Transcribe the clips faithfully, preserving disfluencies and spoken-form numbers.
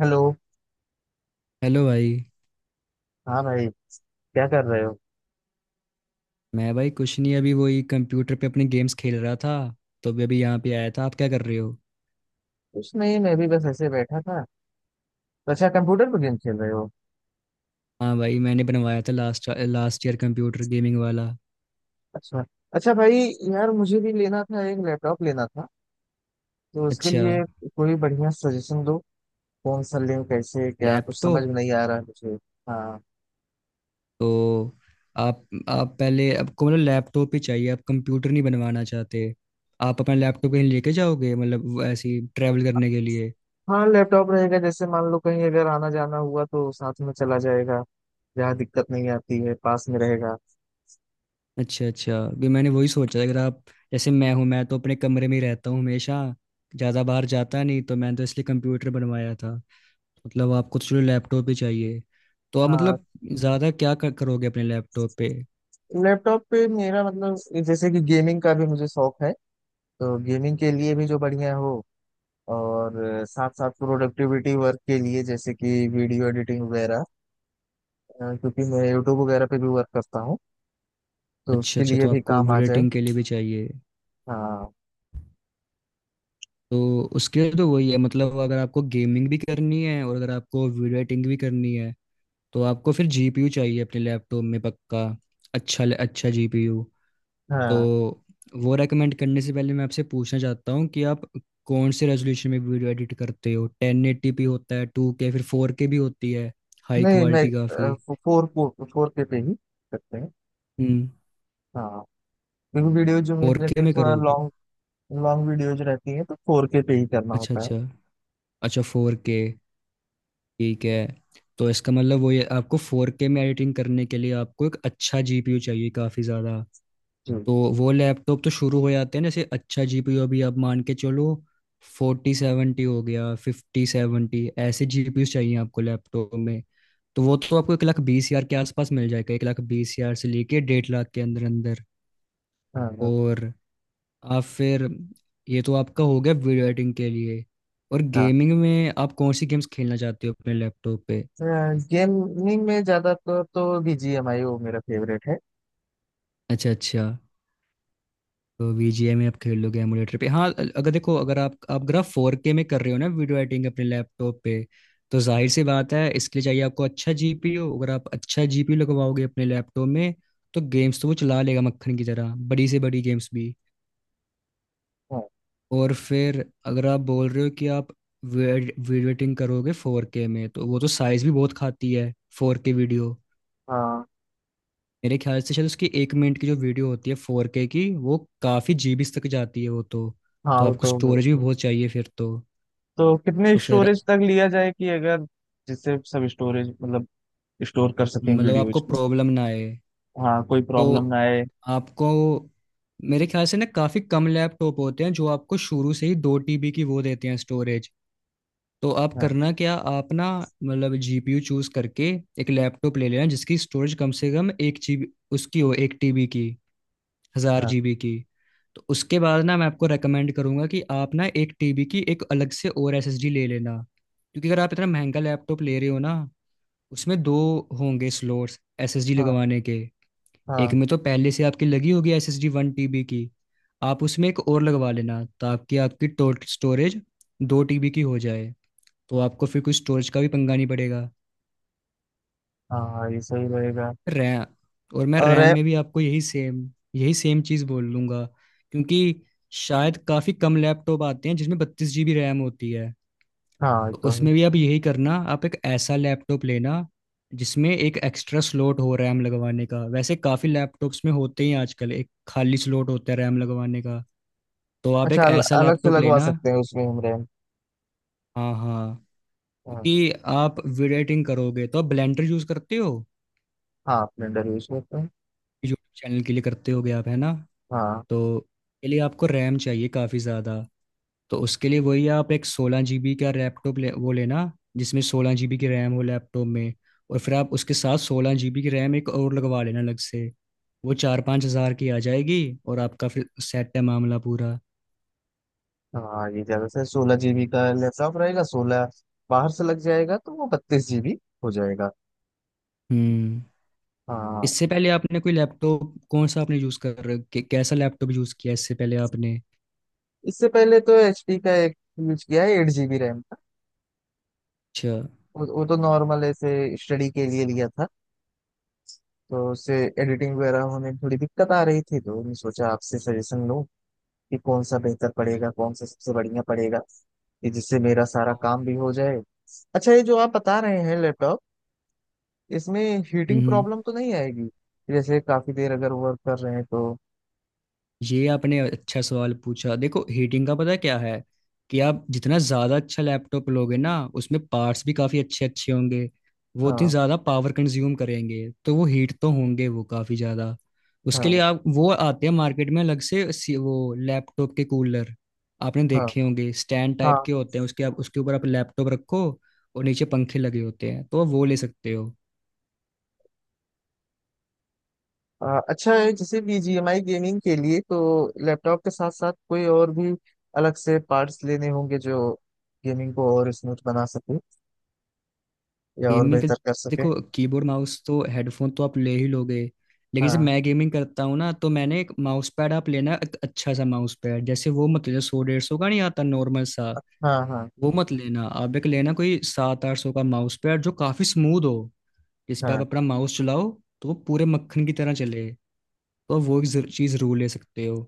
Hello. Hello भाई। हाँ भाई, क्या कर रहे हो? मैं भाई कुछ नहीं, अभी वही कंप्यूटर पे अपने गेम्स खेल रहा था, तो अभी अभी यहाँ पे आया था। आप क्या कर रहे हो? कुछ नहीं, मैं भी बस ऐसे बैठा था। तो अच्छा, कंप्यूटर पर गेम खेल रहे हो। हाँ भाई, मैंने बनवाया था last last year, computer gaming वाला। अच्छा। अच्छा भाई, यार मुझे भी लेना था, एक लैपटॉप लेना था। तो उसके अच्छा लिए कोई बढ़िया सजेशन दो। कौन सा लें, कैसे क्या, कुछ समझ लैपटॉप। में नहीं आ रहा है मुझे। हाँ। तो आप आप पहले, आपको मतलब लैपटॉप ही चाहिए? आप कंप्यूटर नहीं बनवाना चाहते? आप अपना लैपटॉप कहीं लेके जाओगे मतलब, वो ऐसे ही ट्रैवल करने के लिए? हाँ लैपटॉप रहेगा, जैसे मान लो कहीं अगर आना जाना हुआ तो साथ में चला जाएगा। जहाँ दिक्कत नहीं आती है, पास में रहेगा। अच्छा अच्छा, भी मैंने वही सोचा। अगर आप, जैसे मैं हूँ, मैं तो अपने कमरे में ही रहता हूँ हमेशा, ज़्यादा बाहर जाता नहीं, तो मैंने तो इसलिए कंप्यूटर बनवाया था। मतलब आपको तो चलो लैपटॉप ही चाहिए। तो आप हाँ। मतलब ज़्यादा क्या कर, करोगे अपने लैपटॉप पे? लैपटॉप पे मेरा मतलब, जैसे कि गेमिंग का भी मुझे शौक है, तो गेमिंग के लिए भी जो बढ़िया हो। और साथ साथ प्रोडक्टिविटी वर्क के लिए, जैसे कि वीडियो एडिटिंग वगैरह। अ, क्योंकि मैं यूट्यूब वगैरह पे भी वर्क करता हूँ, तो अच्छा उसके अच्छा, लिए तो भी आपको काम आ वीडियो जाए। एडिटिंग के लिए भी चाहिए? हाँ। तो उसके लिए तो वही है मतलब, अगर आपको गेमिंग भी करनी है और अगर आपको वीडियो एडिटिंग भी करनी है, तो आपको फिर जीपीयू चाहिए अपने लैपटॉप में पक्का। अच्छा अच्छा, जीपीयू। तो हाँ, वो रेकमेंड करने से पहले मैं आपसे पूछना चाहता हूँ कि आप कौन से रेजोल्यूशन में वीडियो एडिट करते हो? टेन एटी पी होता है, टू के, फिर फोर के भी होती है, हाई नहीं मैं क्वालिटी काफ़ी। फोर फोर फोर के पे ही करते हैं। हम्म। हाँ, क्योंकि वीडियो जो फोर मेरी रहती के है में थोड़ा करो? लॉन्ग, लॉन्ग वीडियोज रहती है, तो फोर के पे ही करना अच्छा होता है। अच्छा। अच्छा, फोर के। ठीक है। तो इसका मतलब वो ये, आपको फोर के में एडिटिंग करने के लिए आपको एक अच्छा जीपीयू चाहिए काफ़ी ज़्यादा। जी। तो वो लैपटॉप तो शुरू हो जाते हैं ना, जैसे अच्छा जीपीयू, अभी आप मान के चलो फोर्टी सेवेंटी हो गया, फिफ्टी सेवेंटी, ऐसे जीपीयू चाहिए आपको लैपटॉप में। तो वो तो आपको एक लाख बीस हजार के आसपास मिल जाएगा, एक लाख बीस हजार से लेके डेढ़ लाख के अंदर अंदर। हाँ। हाँ। और आप फिर, ये तो आपका हो गया वीडियो एडिटिंग के लिए। और हाँ, गेमिंग में आप कौन सी गेम्स खेलना चाहते हो अपने लैपटॉप पे? गेमिंग में ज्यादातर तो बीजीएमआई, वो मेरा फेवरेट है। अच्छा अच्छा, तो V G A में आप खेल लोगे एमुलेटर पे? हाँ, अगर देखो, अगर आप आप अगर आप फोर के में कर रहे हो ना वीडियो एडिटिंग अपने लैपटॉप पे, तो जाहिर सी बात है, इसके लिए चाहिए आपको अच्छा जीपीयू। अगर आप अच्छा जीपीयू लगवाओगे अपने लैपटॉप में, तो गेम्स तो वो चला लेगा मक्खन की तरह, बड़ी से बड़ी गेम्स भी। हाँ। और फिर अगर आप बोल रहे हो कि आप वीडियो एडिटिंग करोगे फोर के में, तो वो तो साइज भी बहुत खाती है, फोर के वीडियो। हाँ। मेरे ख्याल से शायद उसकी एक मिनट की जो वीडियो होती है फोर के की, वो काफ़ी जीबीज तक जाती है वो तो। हाँ, तो वो आपको तो। स्टोरेज भी बहुत चाहिए फिर तो। तो कितने तो फिर स्टोरेज तक लिया जाए कि अगर, जिससे सब स्टोरेज मतलब स्टोर कर सकें मतलब वीडियोज आपको को। प्रॉब्लम ना आए। हाँ, कोई तो प्रॉब्लम ना आए। आपको, मेरे ख्याल से ना, काफ़ी कम लैपटॉप होते हैं जो आपको शुरू से ही दो टीबी की वो देते हैं स्टोरेज। तो आप हाँ। करना क्या, आप ना मतलब जीपीयू चूज करके एक लैपटॉप ले लेना जिसकी स्टोरेज कम से कम एक जीबी, उसकी हो एक टीबी की, हजार हाँ। जीबी की। तो उसके बाद ना, मैं आपको रेकमेंड करूंगा कि आप ना एक टीबी की एक अलग से और एसएसडी ले लेना। क्योंकि अगर आप इतना महंगा लैपटॉप ले रहे हो ना, उसमें दो होंगे स्लोट्स एसएसडी हाँ, लगवाने के। एक हाँ, में तो पहले से आपकी लगी होगी एसएसडी वन टीबी की। आप उसमें एक और लगवा लेना ताकि आपकी टोटल स्टोरेज दो टीबी की हो जाए। तो आपको फिर कुछ स्टोरेज का भी पंगा नहीं पड़ेगा। हाँ, हाँ, ये सही रहेगा। रैम, और मैं और रैम रैम। में भी आपको यही सेम यही सेम चीज़ बोल लूँगा। क्योंकि शायद काफ़ी कम लैपटॉप आते हैं जिसमें बत्तीस जीबी रैम होती है। हाँ, ये तो तो है। उसमें भी आप यही करना, आप एक ऐसा लैपटॉप लेना जिसमें एक एक्स्ट्रा स्लॉट हो रैम लगवाने का। वैसे काफ़ी लैपटॉप्स में होते ही हैं आजकल, एक खाली स्लॉट होता है रैम लगवाने का। तो आप एक अच्छा, अल, ऐसा अलग से लैपटॉप लगवा लेना। सकते हैं उसमें हम रैम? हाँ हाँ। हाँ। क्योंकि आप वीडियो एडिटिंग करोगे तो आप ब्लेंडर यूज़ करते हो, हाँ, स्प्लेंडर यूज करते हैं। यूट्यूब चैनल के लिए करते होगे आप, है ना? हाँ। तो के लिए आपको रैम चाहिए काफ़ी ज़्यादा। तो उसके लिए वही, आप एक सोलह जीबी का लैपटॉप ले, वो लेना जिसमें सोलह जीबी की रैम हो लैपटॉप में, और फिर आप उसके साथ सोलह जीबी की रैम एक और लगवा लेना अलग से। वो चार पाँच हज़ार की आ जाएगी। और आपका फिर सेट है मामला पूरा। हाँ, ये ज्यादा से सोलह जीबी का लैपटॉप रहेगा, सोलह बाहर से लग जाएगा तो वो बत्तीस जीबी हो जाएगा। हम्म। हाँ। इससे पहले आपने कोई लैपटॉप, कौन सा आपने यूज़ कर कै- कैसा लैपटॉप यूज़ किया इससे पहले आपने? इससे पहले तो एचपी का एक यूज किया है, एट जीबी रैम। अच्छा। वो, वो तो नॉर्मल ऐसे स्टडी के लिए लिया था, तो उससे एडिटिंग वगैरह होने में थोड़ी दिक्कत आ रही थी, तो मैंने सोचा आपसे सजेशन लूं कि कौन सा बेहतर पड़ेगा, कौन सा सबसे बढ़िया पड़ेगा कि जिससे मेरा सारा काम भी हो जाए। अच्छा, ये जो आप बता रहे हैं लैपटॉप, इसमें हीटिंग हम्म, प्रॉब्लम तो नहीं आएगी? जैसे काफी देर अगर वर्क कर रहे हैं तो। ये आपने अच्छा सवाल पूछा। देखो हीटिंग का पता क्या है, कि आप जितना ज़्यादा अच्छा लैपटॉप लोगे ना, उसमें पार्ट्स भी काफ़ी अच्छे अच्छे होंगे, वो उतनी हाँ। ज़्यादा पावर कंज्यूम करेंगे, तो वो हीट तो होंगे वो काफ़ी ज़्यादा। उसके लिए हाँ। आप, वो आते हैं मार्केट में अलग से सी- वो लैपटॉप के कूलर, आपने हाँ। देखे होंगे, स्टैंड हाँ टाइप के होते हैं उसके, आप उसके ऊपर आप लैपटॉप रखो और नीचे पंखे लगे होते हैं, तो आप वो ले सकते हो। आ, अच्छा है, जैसे बीजीएमआई गेमिंग के लिए तो लैपटॉप के साथ साथ कोई और भी अलग से पार्ट्स लेने होंगे जो गेमिंग को और स्मूथ बना सके या और गेमिंग का, बेहतर कर सके? देखो, कीबोर्ड, माउस तो, हेडफोन तो आप ले ही लोगे। लेकिन जब हाँ मैं गेमिंग करता हूँ ना, तो मैंने एक माउस पैड, आप लेना एक अच्छा सा माउस पैड। जैसे वो मत लेना, सौ डेढ़ सौ का नहीं आता नॉर्मल सा, हाँ हाँ। वो मत लेना। आप एक लेना कोई सात आठ सौ का माउस पैड जो काफी स्मूथ हो, जिस पे आप हाँ। अपना माउस चलाओ, तो वो पूरे मक्खन की तरह चले। तो वो एक चीज जरूर ले सकते हो।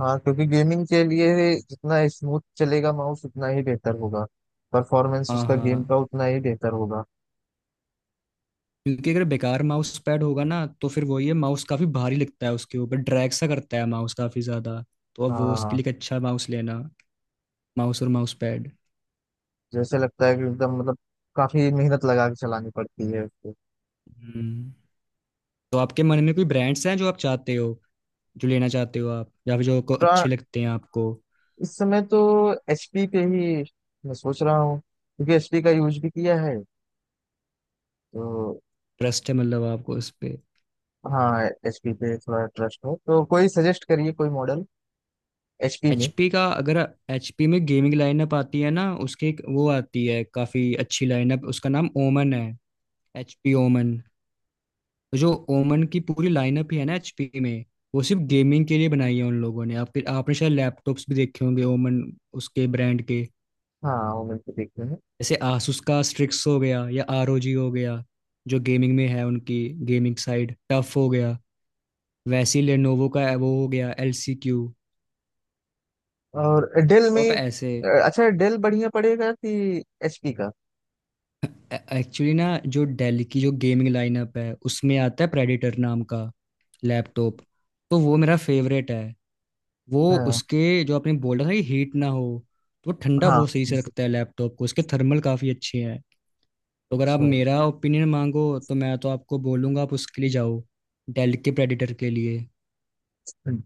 हाँ, क्योंकि गेमिंग के लिए जितना स्मूथ चलेगा माउस, उतना ही बेहतर होगा, परफॉर्मेंस हाँ उसका गेम का हाँ। उतना ही बेहतर होगा। क्योंकि अगर बेकार माउस पैड होगा ना, तो फिर वही है, माउस काफी भारी लगता है, उसके ऊपर ड्रैग सा करता है माउस काफी ज्यादा। तो अब वो उसके हाँ, लिए एक अच्छा माउस लेना, माउस और माउस पैड। जैसे लगता है कि एकदम मतलब काफी मेहनत लगा के चलानी पड़ती है। हम्म। तो आपके मन में कोई ब्रांड्स हैं जो आप चाहते हो, जो लेना चाहते हो आप, या फिर जो आपको उसको, अच्छे लगते हैं, आपको इस समय तो एचपी पे ही मैं सोच रहा हूँ, क्योंकि एचपी का यूज भी किया है, तो। ट्रस्ट है मतलब आपको उस पे? हाँ, एचपी पे थोड़ा ट्रस्ट है, तो कोई सजेस्ट करिए कोई मॉडल एचपी में। एचपी का, अगर एचपी में गेमिंग लाइनअप आती है ना उसके, एक वो आती है काफी अच्छी लाइनअप, उसका नाम ओमन है, एचपी ओमन। तो जो ओमन की पूरी लाइनअप ही है ना एचपी में, वो सिर्फ गेमिंग के लिए बनाई है उन लोगों ने। आपके आपने शायद लैपटॉप्स भी देखे होंगे ओमन उसके ब्रांड के। हाँ, वो मिलकर देखते हैं। जैसे आसूस का स्ट्रिक्स हो गया, या आरओजी हो गया, जो गेमिंग में है उनकी, गेमिंग साइड टफ हो गया। वैसे ही लेनोवो का वो हो गया एलसीक्यू। और डेल तो आप में ऐसे, अ, अच्छा, डेल बढ़िया पड़ेगा कि एचपी का? एक्चुअली ना, जो डेल की जो गेमिंग लाइनअप है, उसमें आता है प्रेडिटर नाम का लैपटॉप, तो वो मेरा फेवरेट है। वो, हाँ। उसके जो आपने बोला था कि हीट ना हो, तो वो ठंडा हाँ बहुत सही से रखता है लैपटॉप को, उसके थर्मल काफ़ी अच्छे हैं। तो अगर आप अच्छा। मेरा ओपिनियन मांगो, तो मैं तो आपको बोलूँगा आप उसके लिए जाओ, डेल के प्रेडिटर के लिए। हम्म।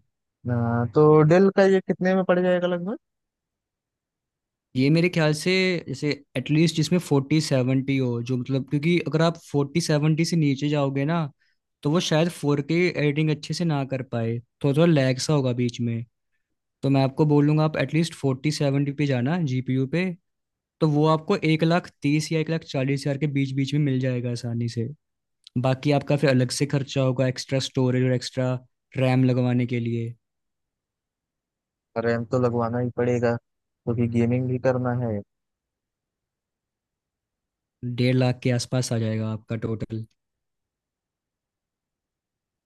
अ, तो डेल का ये कितने में पड़ जाएगा लगभग? ये मेरे ख्याल से, जैसे एटलीस्ट जिसमें फोर्टी सेवेंटी हो, जो मतलब, क्योंकि अगर आप फोर्टी सेवेंटी से नीचे जाओगे ना, तो वो शायद फोर के एडिटिंग अच्छे से ना कर पाए, थोड़ा थोड़ा लैग सा होगा बीच में। तो मैं आपको बोलूँगा, आप एटलीस्ट फोर्टी सेवेंटी पे जाना जीपीयू पे। तो वो आपको एक लाख तीस या एक लाख चालीस हजार के बीच बीच में मिल जाएगा आसानी से। बाकी आपका फिर अलग से खर्चा होगा एक्स्ट्रा स्टोरेज और एक्स्ट्रा रैम लगवाने के लिए। रैम तो लगवाना ही पड़ेगा, क्योंकि गेमिंग भी करना है। डेढ़ लाख के आसपास आ जाएगा आपका टोटल।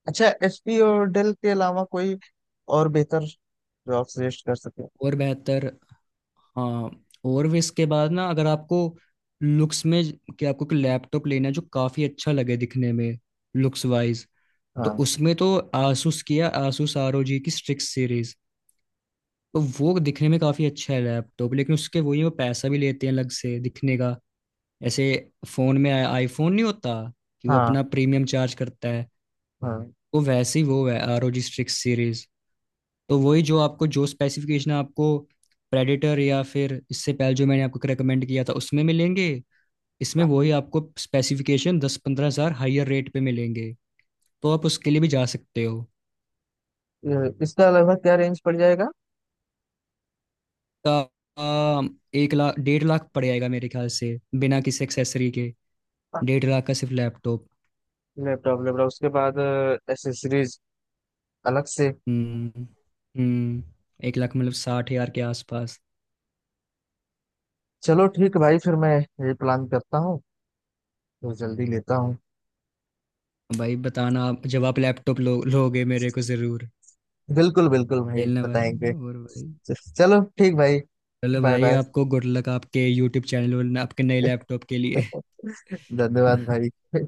अच्छा, एचपी और डेल के अलावा कोई और बेहतर जो आप सजेस्ट कर सके? और बेहतर? हाँ, और भी। इसके बाद ना, अगर आपको लुक्स में, कि आपको कोई लैपटॉप लेना है जो काफ़ी अच्छा लगे दिखने में, लुक्स वाइज, तो हाँ उसमें तो आसूस, किया आसूस आर ओ जी की स्ट्रिक्स सीरीज। तो वो दिखने में काफ़ी अच्छा है लैपटॉप, लेकिन उसके वही वो पैसा भी लेते हैं अलग से दिखने का। ऐसे फोन में आईफोन नहीं होता, कि वो हाँ अपना प्रीमियम चार्ज करता है, हाँ। वो वैसे ही वो है आर ओ जी स्ट्रिक्स सीरीज। तो वही जो आपको, जो स्पेसिफिकेशन आपको प्रेडेटर या फिर इससे पहले जो मैंने आपको रिकमेंड किया था उसमें मिलेंगे, इसमें वही आपको स्पेसिफिकेशन दस पंद्रह हज़ार हाइयर रेट पे मिलेंगे। तो आप उसके लिए भी जा सकते हो। ये- इसका लगभग क्या रेंज पड़ जाएगा? का, आ, एक लाख डेढ़ लाख पड़ जाएगा मेरे ख्याल से, बिना किसी एक्सेसरी के, डेढ़ लाख का सिर्फ लैपटॉप। लैपटॉप, लैपटॉप उसके बाद एसेसरीज अलग से। हम्म। हम्म। एक लाख मतलब, साठ हजार के आसपास। चलो ठीक भाई, फिर मैं ये प्लान करता हूँ, तो जल्दी लेता हूँ। भाई बताना, आप जब आप लैपटॉप लो लोगे मेरे को जरूर। बिल्कुल बिल्कुल भाई, खेलना बताएंगे। भाई। और भाई, चलो ठीक भाई। चलो बाय भाई, बाय। आपको गुड लक आपके यूट्यूब चैनल और आपके नए लैपटॉप के लिए। धन्यवाद भाई।